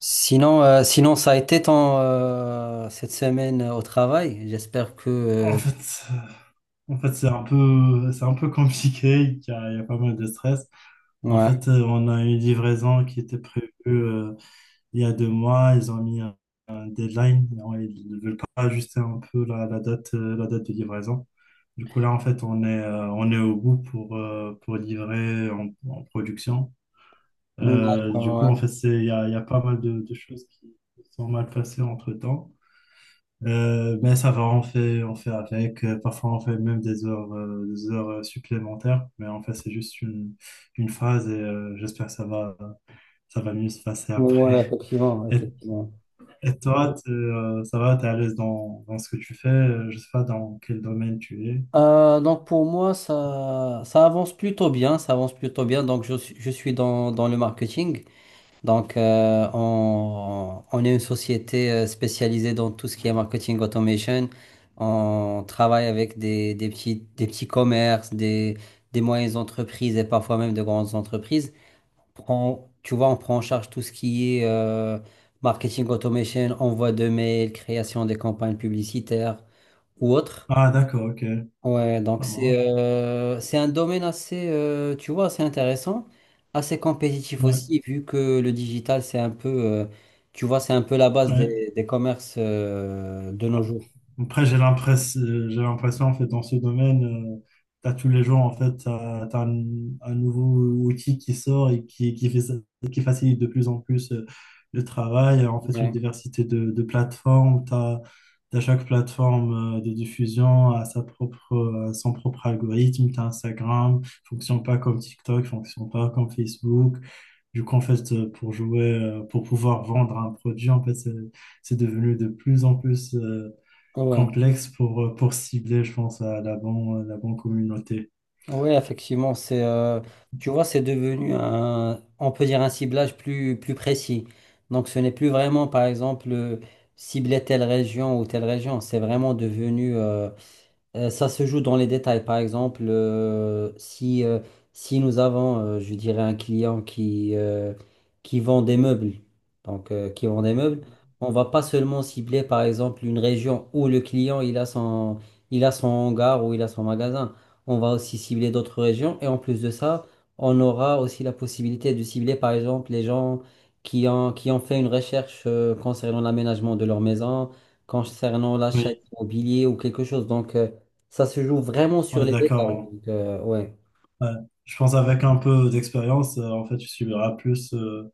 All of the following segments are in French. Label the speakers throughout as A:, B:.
A: Sinon, ça a été ton cette semaine au travail. J'espère que
B: En fait, euh, en fait c'est un peu compliqué, il y a pas mal de stress. En fait,
A: ouais.
B: on a une livraison qui était prévue il y a 2 mois. Ils ont mis un deadline, et ils ne veulent pas ajuster un peu la date de livraison. Du coup, là, en fait, on est au bout pour livrer en production. Du
A: D'accord,
B: coup,
A: ouais.
B: en fait, il y a pas mal de choses qui sont mal passées entre-temps. Mais ça va, on fait avec. Parfois, on fait même des heures supplémentaires. Mais en fait, c'est juste une phase et j'espère que ça va mieux se passer
A: Ouais,
B: après.
A: effectivement,
B: Et,
A: effectivement.
B: et toi, ça va, t'es à l'aise dans ce que tu fais? Je sais pas dans quel domaine tu es.
A: Donc pour moi, ça avance plutôt bien, ça avance plutôt bien. Donc je suis dans le marketing. Donc on est une société spécialisée dans tout ce qui est marketing automation. On travaille avec des petits commerces, des moyennes entreprises et parfois même de grandes entreprises. Prend, tu vois, on prend en charge tout ce qui est marketing automation, envoi de mails, création des campagnes publicitaires ou autres.
B: Ah, d'accord, ok,
A: Ouais, donc
B: ça marche.
A: c'est un domaine assez, tu vois, assez intéressant, assez compétitif
B: Ouais,
A: aussi, vu que le digital, c'est un peu, tu vois, c'est un peu la base
B: ouais.
A: des commerces de nos jours.
B: Après, j'ai l'impression, en fait, dans ce domaine, tu as tous les jours, en fait, un nouveau outil qui sort et qui facilite de plus en plus le travail. En fait, une
A: Ouais.
B: diversité de plateformes. T'as chaque plateforme de diffusion à à son propre algorithme. T'as Instagram, fonctionne pas comme TikTok, fonctionne pas comme Facebook. Du coup, en fait, pour pouvoir vendre un produit, en fait, c'est devenu de plus en plus
A: Ouais.
B: complexe pour cibler, je pense, à la bonne communauté.
A: Oui, effectivement, tu vois, c'est devenu un, on peut dire un ciblage plus, plus précis. Donc, ce n'est plus vraiment, par exemple, cibler telle région ou telle région. C'est vraiment devenu, ça se joue dans les détails. Par exemple, si nous avons, je dirais, un client qui qui vend des meubles, donc qui vend des meubles, on va pas seulement cibler, par exemple, une région où le client il a son hangar ou il a son magasin. On va aussi cibler d'autres régions. Et en plus de ça, on aura aussi la possibilité de cibler, par exemple, les gens qui ont fait une recherche concernant l'aménagement de leur maison, concernant l'achat
B: Oui,
A: immobilier ou quelque chose. Donc, ça se joue vraiment sur
B: on est
A: les détails.
B: d'accord.
A: Donc, ouais.
B: Hein. Ouais. Je pense avec un peu d'expérience, en fait, tu subiras plus,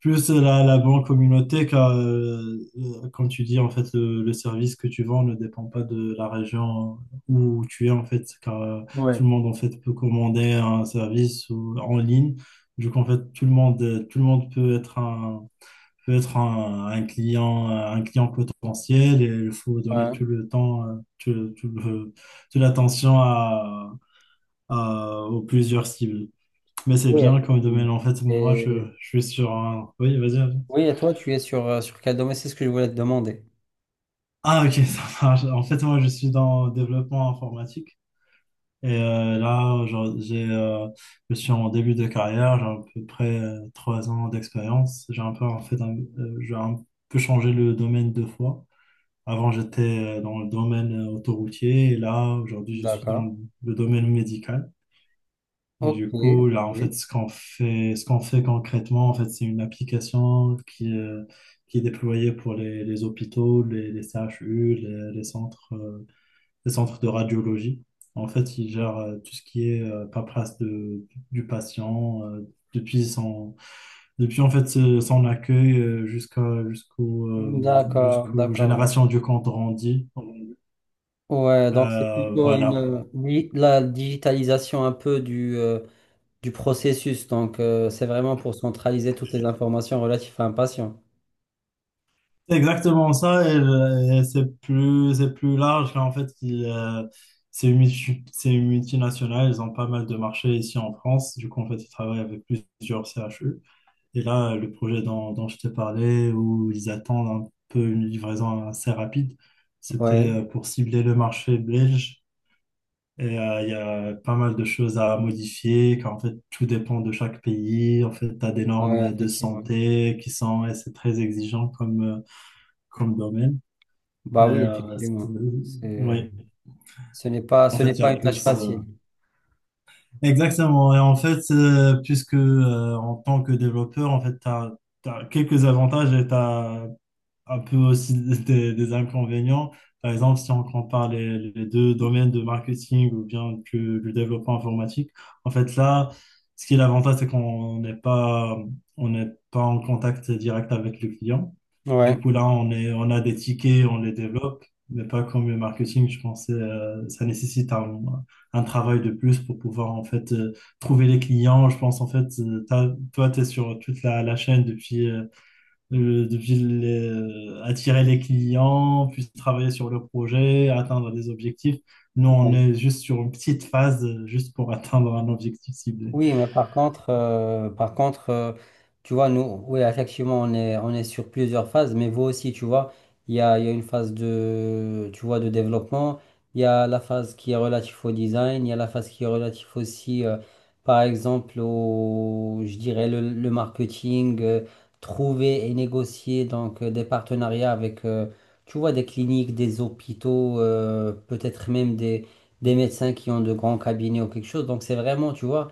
B: plus la bonne communauté car, comme tu dis, en fait, le service que tu vends ne dépend pas de la région où tu es, en fait, car
A: Ouais,
B: tout le monde, en fait, peut commander un service en ligne. Du coup, en fait, tout le monde peut être un client potentiel, et il faut donner
A: ouais.
B: tout le temps, toute l'attention aux plusieurs cibles. Mais c'est
A: Oui,
B: bien comme domaine.
A: effectivement.
B: En fait, moi,
A: Et,
B: je suis sur un... Oui, vas-y. Vas-y.
A: oui, et toi, tu es sur, sur quel domaine? C'est ce que je voulais te demander.
B: Ah, ok, ça marche. En fait, moi, je suis dans le développement informatique. Et là, genre, je suis en début de carrière. J'ai à peu près 3 ans d'expérience. J'ai un peu changé le domaine 2 fois. Avant, j'étais dans le domaine autoroutier, et là, aujourd'hui, je suis
A: D'accord.
B: dans le domaine médical. Et
A: Ok,
B: du coup, là,
A: ok.
B: en fait, ce qu'on fait concrètement, en fait, c'est une application qui est déployée pour les hôpitaux, les CHU, les centres de radiologie. En fait, ils gèrent tout ce qui est paperasse du patient depuis son, depuis en fait ce- son accueil
A: D'accord,
B: jusqu'aux
A: d'accord. donc-
B: générations du compte rendu
A: Ouais, donc c'est plutôt une,
B: voilà.
A: la digitalisation un peu du du processus. Donc, c'est vraiment pour centraliser toutes les informations relatives à un patient.
B: C'est exactement ça, et c'est plus large. En fait, c'est une multinationale, ils ont pas mal de marchés ici en France. Du coup, en fait, ils travaillent avec plusieurs CHU. Et là, le projet dont je t'ai parlé, où ils attendent un peu une livraison assez rapide,
A: Ouais,
B: c'était pour cibler le marché belge. Et il y a pas mal de choses à modifier, car en fait, tout dépend de chaque pays. En fait, tu as des
A: ouais,
B: normes de
A: effectivement.
B: santé qui sont, et c'est très exigeant comme domaine. Et,
A: Bah oui,
B: euh, c'est-
A: effectivement. C'est, euh,
B: oui, en
A: ce
B: fait,
A: n'est
B: il y
A: pas
B: a
A: une tâche
B: plus.
A: facile.
B: Exactement. Et en fait, puisque en tant que développeur, en fait, tu as quelques avantages, et tu un peu aussi des inconvénients. Par exemple, si on compare les deux domaines de marketing ou bien du développement informatique, en fait là, ce qui est l'avantage, c'est qu'on n'est pas, on n'est pas en contact direct avec le client. Du coup,
A: Ouais.
B: là, on a des tickets, on les développe, mais pas comme le marketing. Je pense que ça nécessite un travail de plus pour pouvoir en fait trouver les clients. Je pense en fait, toi, tu es sur toute la chaîne depuis attirer les clients, puis travailler sur le projet, atteindre des objectifs. Nous, on est juste sur une petite phase, juste pour atteindre un objectif ciblé.
A: Oui, mais par contre, par contre, tu vois, nous, oui, effectivement, on est sur plusieurs phases, mais vous aussi, tu vois, il y a une phase de, tu vois, de développement, il y a la phase qui est relative au design, il y a la phase qui est relative aussi, par exemple, au, je dirais, le marketing, trouver et négocier donc des partenariats avec, tu vois, des cliniques, des hôpitaux, peut-être même des médecins qui ont de grands cabinets ou quelque chose. Donc, c'est vraiment, tu vois,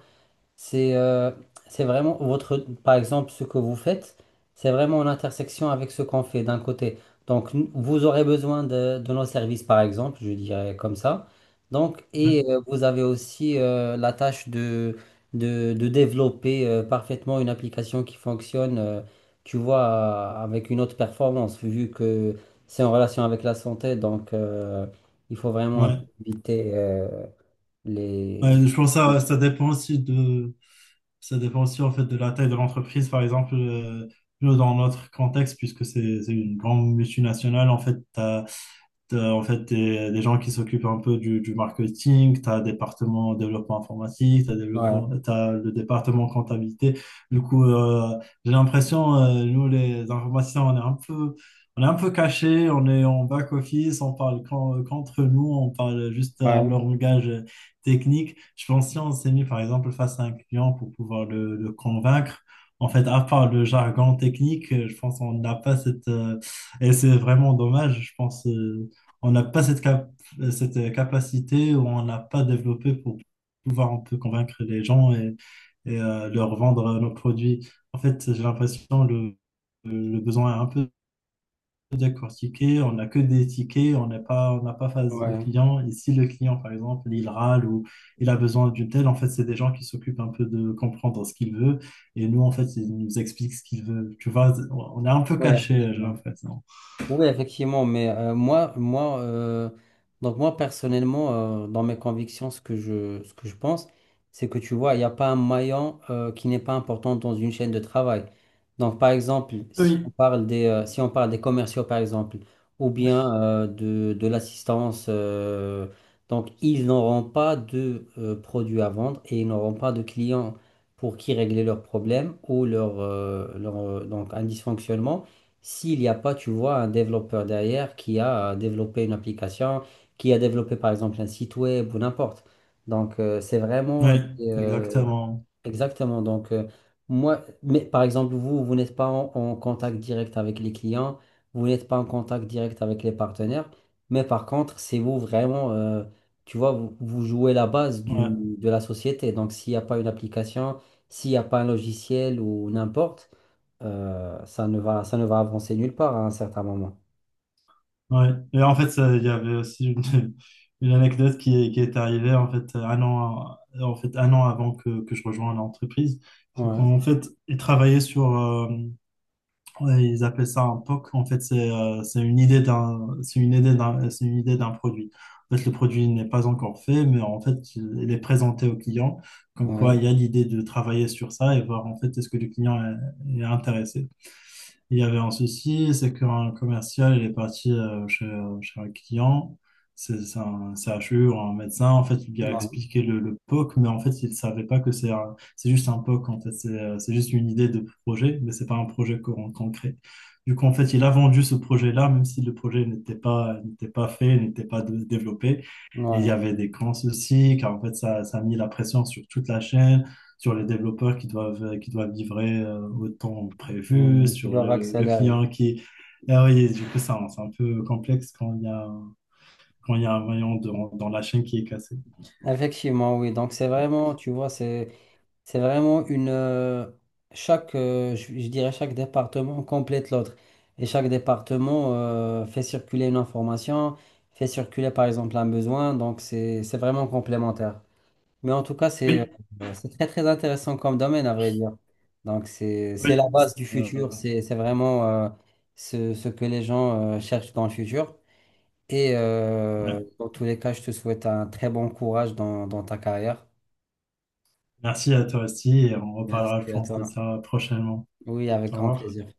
A: c'est euh, c'est vraiment votre, par exemple, ce que vous faites, c'est vraiment en intersection avec ce qu'on fait d'un côté. Donc, n- vous aurez besoin de nos services, par exemple, je dirais comme ça. Donc,
B: Ouais,
A: et vous avez aussi la tâche de développer parfaitement une application qui fonctionne, tu vois, avec une haute performance, vu que c'est en relation avec la santé. Donc, il faut vraiment un peu
B: ouais.
A: éviter les...
B: Ouais, je pense que ça dépend aussi en fait de la taille de l'entreprise. Par exemple, nous, dans notre contexte, puisque c'est une grande multinationale, en fait, t'as en fait des gens qui s'occupent un peu du marketing, tu as un département développement informatique,
A: Ouais,
B: t'as le département comptabilité. Du coup, j'ai l'impression, nous les informaticiens, on est un peu cachés, on est en back office, on parle qu'entre nous, on parle juste un
A: ouais,
B: langage technique. Je pense que si on s'est mis par exemple face à un client pour pouvoir le convaincre, en fait, à part le jargon technique, je pense qu'on n'a pas cette. Et c'est vraiment dommage, je pense. On n'a pas cette capacité, ou on n'a pas développé pour pouvoir un peu convaincre les gens, et leur vendre nos produits. En fait, j'ai l'impression que le besoin est un peu décortiqué, on n'a que des tickets, on n'a pas face au
A: Ouais,
B: client. Et si le client, par exemple, il râle ou il a besoin d'une telle, en fait, c'est des gens qui s'occupent un peu de comprendre ce qu'il veut. Et nous, en fait, ils nous expliquent ce qu'il veut. Tu vois, on est un peu
A: ouais,
B: caché, j'ai
A: effectivement.
B: l'impression.
A: Oui, effectivement, mais moi, donc moi personnellement, dans mes convictions, ce que ce que je pense, c'est que tu vois, il n'y a pas un maillon qui n'est pas important dans une chaîne de travail. Donc, par exemple,
B: Oui.
A: si on parle des commerciaux, par exemple, ou bien de l'assistance, donc ils n'auront pas de produits à vendre et ils n'auront pas de clients pour qui régler leurs problèmes ou donc un dysfonctionnement. S'il n'y a pas, tu vois, un développeur derrière qui a développé une application, qui a développé par exemple un site web ou n'importe. Donc, c'est
B: Oui,
A: vraiment
B: exactement.
A: exactement. Donc, moi, mais par exemple, vous, vous n'êtes pas en contact direct avec les clients, vous n'êtes pas en contact direct avec les partenaires, mais par contre, c'est vous vraiment, tu vois, vous jouez la base
B: Ouais.
A: de la société. Donc, s'il n'y a pas une application, s'il n'y a pas un logiciel ou n'importe ça ne va avancer nulle part à un certain moment.
B: Ouais. Et en fait, il y avait aussi une anecdote qui est arrivée en fait un an avant que je rejoigne l'entreprise. C'est
A: Ouais,
B: qu'en fait, ils travaillaient ouais, ils appelaient ça un POC. En fait, c'est une idée d'un produit. En fait, le produit n'est pas encore fait, mais en fait, il est présenté au client. Comme
A: ouais,
B: quoi, il y a l'idée de travailler sur ça et voir en fait est-ce que le client est intéressé. Il y avait un souci, c'est qu'un commercial, il est parti chez un client, c'est un CHU ou un médecin. En fait, il lui a
A: ouais,
B: expliqué le POC, mais en fait, il ne savait pas que c'est c'est juste un POC, en fait, c'est juste une idée de projet, mais c'est pas un projet concret. Du coup, en fait, il a vendu ce projet-là, même si le projet n'était pas fait, n'était pas développé. Et il y
A: ouais.
B: avait des grands soucis, car en fait, ça a mis la pression sur toute la chaîne, sur les développeurs qui doivent livrer au temps prévu,
A: Mm, qui
B: sur
A: doivent
B: le
A: accélérer.
B: client qui. Ah oui, du coup, ça, c'est un peu complexe quand il y a, un maillon dans la chaîne qui est cassé.
A: Effectivement, oui. Donc, c'est vraiment, tu vois, c'est vraiment une. Je dirais, chaque département complète l'autre. Et chaque département fait circuler une information, fait circuler, par exemple, un besoin. Donc, c'est vraiment complémentaire. Mais en tout cas,
B: Oui,
A: c'est très très intéressant comme domaine, à vrai dire. Donc, c'est
B: oui.
A: la base du
B: Euh,
A: futur, c'est vraiment ce, ce que les gens cherchent dans le futur. Et
B: ouais.
A: dans tous les cas, je te souhaite un très bon courage dans, dans ta carrière.
B: Merci à toi aussi, et on reparlera, je
A: Merci à
B: pense, de
A: toi.
B: ça prochainement.
A: Oui, avec
B: Au
A: grand
B: revoir.
A: plaisir.